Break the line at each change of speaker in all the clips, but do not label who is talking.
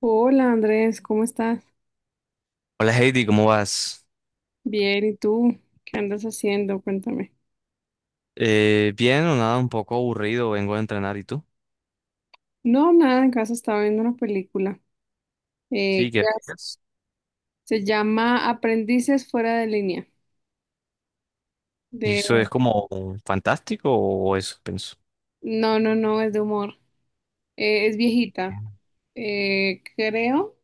Hola Andrés, ¿cómo estás?
Hola Heidi, ¿cómo vas?
Bien, ¿y tú? ¿Qué andas haciendo? Cuéntame.
Bien o nada, un poco aburrido, vengo a entrenar. ¿Y tú?
No, nada, en casa estaba viendo una película. eh,
Sí,
que
¿qué
as-
haces?
Se llama Aprendices fuera de línea.
¿Y
De...
eso es como fantástico o eso pienso?
No, no, no, es de humor. Es viejita. eh, creo,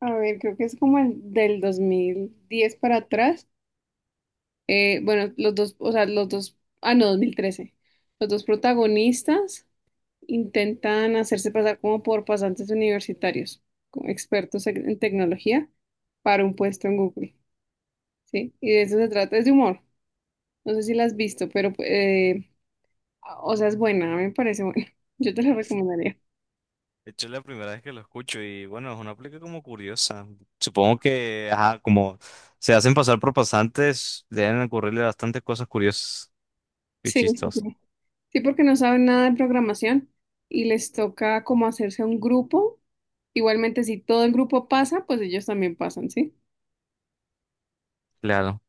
a ver, creo que es como el del 2010 para atrás. Bueno, los dos, o sea, los dos, ah, no, 2013. Los dos protagonistas intentan hacerse pasar como por pasantes universitarios, como expertos en tecnología, para un puesto en Google, ¿sí? Y de eso se trata, es de humor. No sé si la has visto, pero, o sea, es buena, a mí me parece buena. Yo te la recomendaría.
De hecho, es la primera vez que lo escucho y bueno, es una aplica como curiosa. Supongo que, ajá, como se hacen pasar por pasantes, deben ocurrirle bastantes cosas curiosas y
Sí, sí,
chistosas.
sí. Sí, porque no saben nada de programación y les toca como hacerse un grupo. Igualmente, si todo el grupo pasa, pues ellos también pasan, ¿sí?
Claro.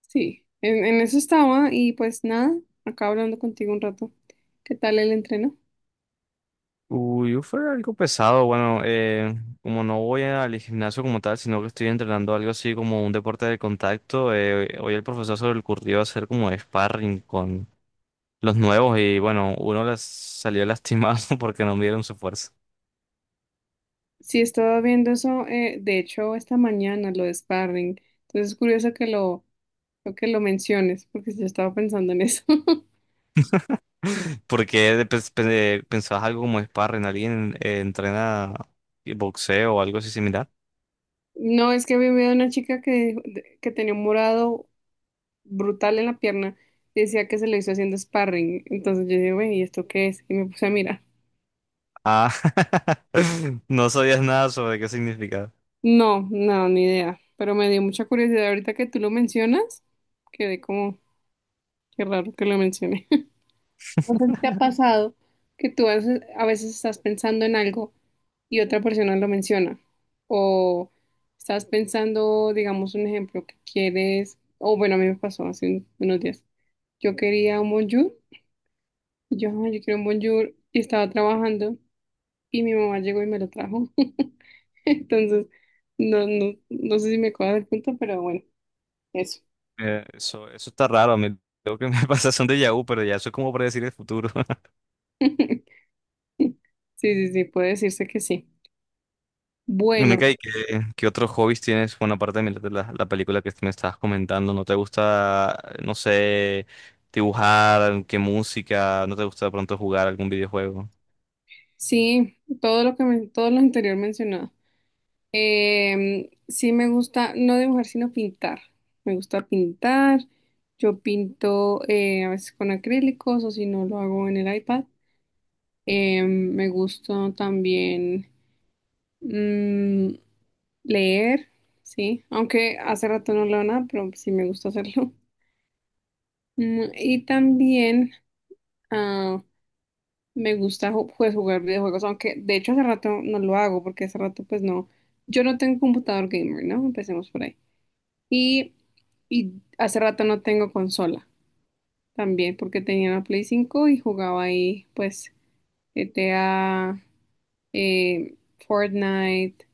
Sí, en eso estaba y pues nada, acabo hablando contigo un rato. ¿Qué tal el entreno?
Uy, yo fue algo pesado. Bueno, como no voy al gimnasio como tal, sino que estoy entrenando algo así como un deporte de contacto, hoy el profesor se le ocurrió hacer como sparring con los nuevos y bueno, uno les salió lastimado porque no midieron su fuerza.
Sí, estaba viendo eso, de hecho, esta mañana, lo de sparring. Entonces es curioso lo que lo menciones, porque yo estaba pensando en eso.
Porque pensabas algo como sparring, alguien entrena boxeo o algo así similar.
No, es que había vivido una chica que tenía un morado brutal en la pierna y decía que se lo hizo haciendo sparring. Entonces yo dije, güey, ¿y esto qué es? Y me puse a mirar.
Ah, no sabías nada sobre qué significaba.
No, no, ni idea. Pero me dio mucha curiosidad ahorita que tú lo mencionas. Quedé como, qué raro que lo mencioné. No sé si te ha pasado que tú a veces estás pensando en algo y otra persona lo menciona. O estás pensando, digamos, un ejemplo que quieres, o bueno, a mí me pasó unos días. Yo quería un bonjour, y yo, "Ay, yo quiero un bonjour", y estaba trabajando, y mi mamá llegó y me lo trajo. Entonces, no sé si me cuadra el punto, pero bueno, eso.
Eso está raro. A mí lo que me pasa son de Yahoo, pero ya eso es como predecir el futuro.
Sí, sí, sí, puede decirse que sí. Bueno,
Veneca, ¿Y qué otros hobbies tienes? Bueno, aparte de mirar la película que me estabas comentando, ¿no te gusta, no sé, dibujar? ¿Qué música? ¿No te gusta de pronto jugar algún videojuego?
sí, todo lo anterior mencionado. Sí me gusta, no dibujar, sino pintar. Me gusta pintar. Yo pinto, a veces con acrílicos o si no lo hago en el iPad. Me gusta también mm, leer, sí. Aunque hace rato no leo nada, pero sí me gusta hacerlo. Y también ah, me gusta pues, jugar videojuegos, aunque de hecho hace rato no lo hago porque hace rato pues no. Yo no tengo computador gamer, ¿no? Empecemos por ahí. Y, y hace rato no tengo consola también porque tenía una Play 5 y jugaba ahí pues GTA, eh, Fortnite,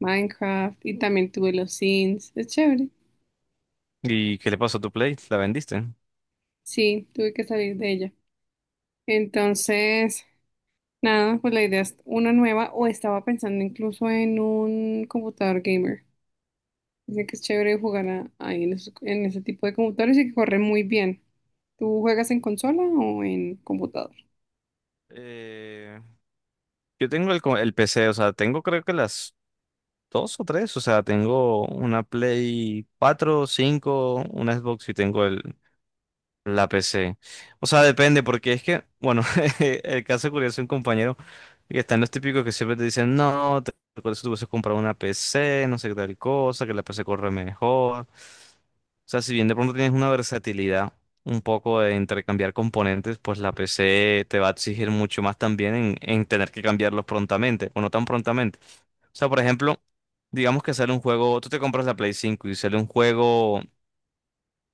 Minecraft y también tuve los Sims. Es chévere.
¿Y qué le pasó a tu Play? ¿La vendiste?
Sí, tuve que salir de ella. Entonces, nada, pues la idea es una nueva o estaba pensando incluso en un computador gamer. Dicen que es chévere ahí en, en ese tipo de computadores y que corre muy bien. ¿Tú juegas en consola o en computador?
Eh, yo tengo el PC, o sea, tengo creo que las dos o tres, o sea, tengo una Play 4, 5 una Xbox y tengo el, la PC. O sea, depende, porque es que, bueno, el caso curioso de un compañero que están los típicos que siempre te dicen, no, te recuerdo si tú hubieses comprado una PC, no sé qué tal cosa, que la PC corre mejor. O sea, si bien de pronto tienes una versatilidad un poco de intercambiar componentes, pues la PC te va a exigir mucho más también en tener que cambiarlos prontamente, o no tan prontamente. O sea, por ejemplo, digamos que sale un juego, tú te compras la Play 5 y sale un juego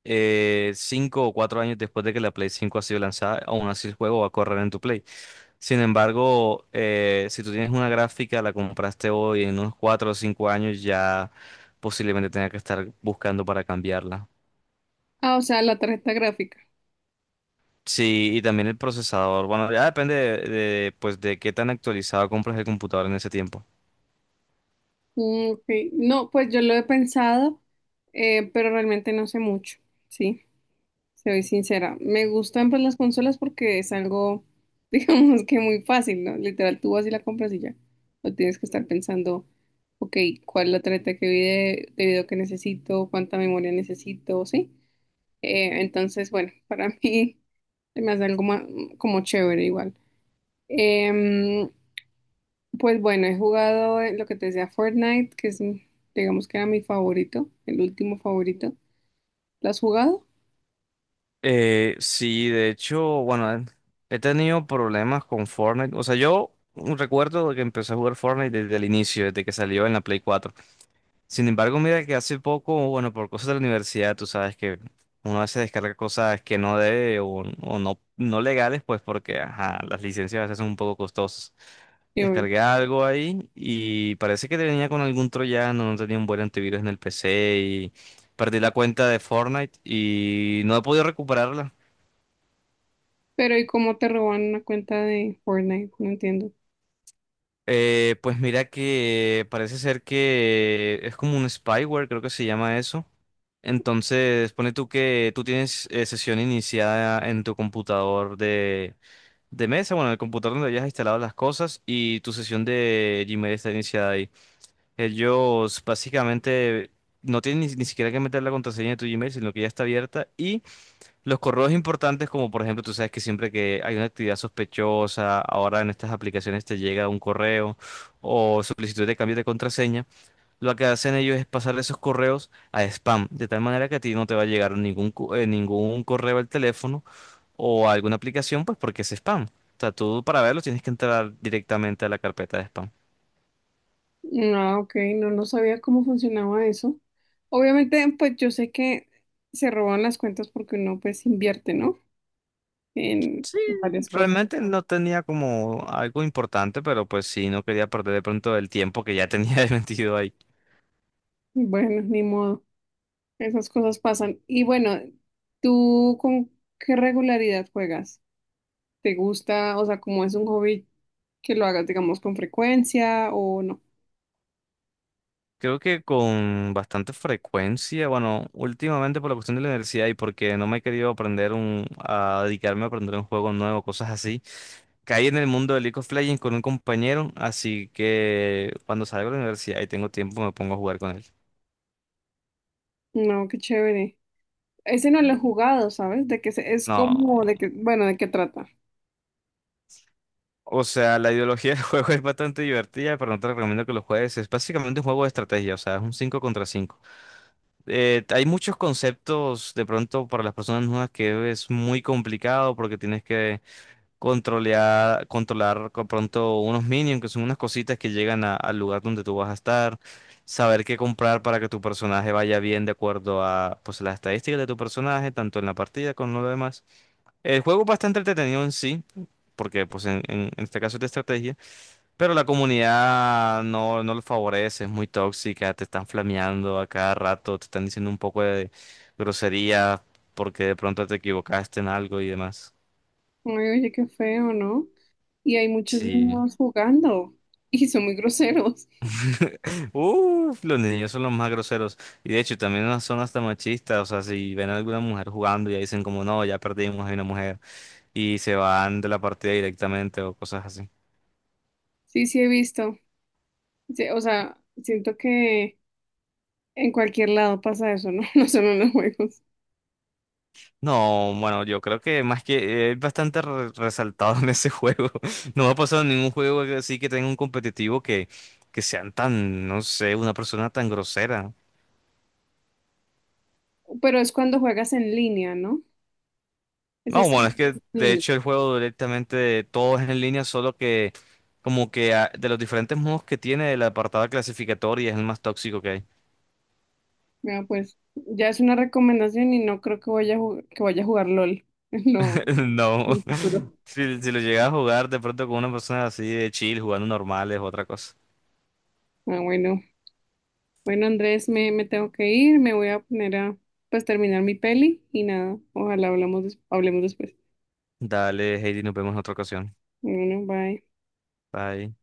cinco o cuatro años después de que la Play cinco ha sido lanzada, aún así el juego va a correr en tu Play. Sin embargo, si tú tienes una gráfica, la compraste hoy, en unos cuatro o cinco años ya posiblemente tenga que estar buscando para cambiarla.
Ah, o sea, la tarjeta gráfica.
Sí, y también el procesador. Bueno, ya depende pues, de qué tan actualizado compras el computador en ese tiempo.
Mm, ok. No, pues yo lo he pensado, pero realmente no sé mucho, sí, soy sincera. Me gustan pues las consolas porque es algo, digamos que muy fácil, ¿no? Literal, tú vas y la compras y ya. No tienes que estar pensando, ok, ¿cuál es la tarjeta de video que necesito? ¿Cuánta memoria necesito? Sí. Entonces, bueno, para mí se me hace algo como chévere igual. Em, Pues bueno, he jugado, lo que te decía Fortnite, que es, digamos que era mi favorito, el último favorito. ¿Lo has jugado?
Sí, de hecho, bueno, he tenido problemas con Fortnite. O sea, yo recuerdo que empecé a jugar Fortnite desde el inicio, desde que salió en la Play cuatro. Sin embargo, mira que hace poco, bueno, por cosas de la universidad, tú sabes que uno a veces descarga cosas que no debe o no, no legales, pues porque ajá, las licencias a veces son un poco costosas.
Sí, obvio.
Descargué algo ahí y parece que venía con algún troyano, no tenía un buen antivirus en el PC y perdí la cuenta de Fortnite y no he podido recuperarla.
Pero ¿y cómo te roban una cuenta de Fortnite? No entiendo.
Pues mira que parece ser que es como un spyware, creo que se llama eso. Entonces, pone tú que tú tienes sesión iniciada en tu computador de mesa, bueno, en el computador donde hayas instalado las cosas y tu sesión de Gmail está iniciada ahí. Ellos básicamente no tienen ni siquiera que meter la contraseña de tu Gmail, sino que ya está abierta y los correos importantes, como por ejemplo, tú sabes que siempre que hay una actividad sospechosa, ahora en estas aplicaciones te llega un correo o solicitud de cambio de contraseña. Lo que hacen ellos es pasar esos correos a spam, de tal manera que a ti no te va a llegar ningún correo al teléfono o a alguna aplicación, pues porque es spam. O sea, tú para verlo tienes que entrar directamente a la carpeta de spam.
Ah, ok, no, no sabía cómo funcionaba eso. Obviamente, pues yo sé que se roban las cuentas porque uno pues invierte, ¿no? En varias cosas.
Realmente no tenía como algo importante, pero pues sí, no quería perder de pronto el tiempo que ya tenía metido ahí.
Bueno, ni modo, esas cosas pasan. Y bueno, ¿tú con qué regularidad juegas? ¿Te gusta? O sea, como es un hobby que lo hagas, digamos, con frecuencia o no.
Creo que con bastante frecuencia, bueno, últimamente por la cuestión de la universidad y porque no me he querido aprender a dedicarme a aprender un juego nuevo, cosas así. Caí en el mundo de League of Legends con un compañero, así que cuando salgo de la universidad y tengo tiempo me pongo a jugar con él.
No, qué chévere. Ese no lo he jugado, ¿sabes? Es
No,
como de que, bueno, ¿de qué trata?
o sea, la ideología del juego es bastante divertida, pero no te recomiendo que lo juegues. Es básicamente un juego de estrategia, o sea, es un 5 contra cinco. Hay muchos conceptos de pronto para las personas nuevas que es muy complicado porque tienes que controlar con pronto unos minions, que son unas cositas que llegan al lugar donde tú vas a estar, saber qué comprar para que tu personaje vaya bien de acuerdo a pues las estadísticas de tu personaje, tanto en la partida como en lo demás. El juego es bastante entretenido en sí, porque pues en este caso es de estrategia, pero la comunidad no, no lo favorece, es muy tóxica, te están flameando a cada rato, te están diciendo un poco de grosería porque de pronto te equivocaste en algo y demás.
Ay, oye, qué feo, ¿no? Y hay muchos
Sí.
niños jugando y son muy groseros.
Uf, los niños son los más groseros. Y de hecho, también no son hasta machistas. O sea, si ven a alguna mujer jugando, ya dicen como, no, ya perdimos, hay una mujer. Y se van de la partida directamente o cosas así.
Sí, sí he visto. Sí, o sea, siento que en cualquier lado pasa eso, ¿no? No solo en los juegos.
No, bueno, yo creo que más que es bastante resaltado en ese juego. No me ha pasado en ningún juego así que tenga un competitivo que sean tan, no sé, una persona tan grosera.
Pero es cuando juegas en línea, ¿no? Ese
No,
es
bueno,
en
es que de
línea.
hecho el juego directamente todo es en línea, solo que como que ah, de los diferentes modos que tiene el apartado clasificatorio es el más tóxico que hay.
Bueno, pues ya es una recomendación y no creo que que vaya a jugar LOL. No,
No,
en el futuro.
si lo llegas a jugar de pronto con una persona así de chill, jugando normales, otra cosa.
Ah, bueno. Bueno, Andrés, me tengo que ir, me voy a poner a pues terminar mi peli y nada, ojalá hablemos después.
Dale, Heidi, nos vemos en otra ocasión.
Bueno, bye.
Bye.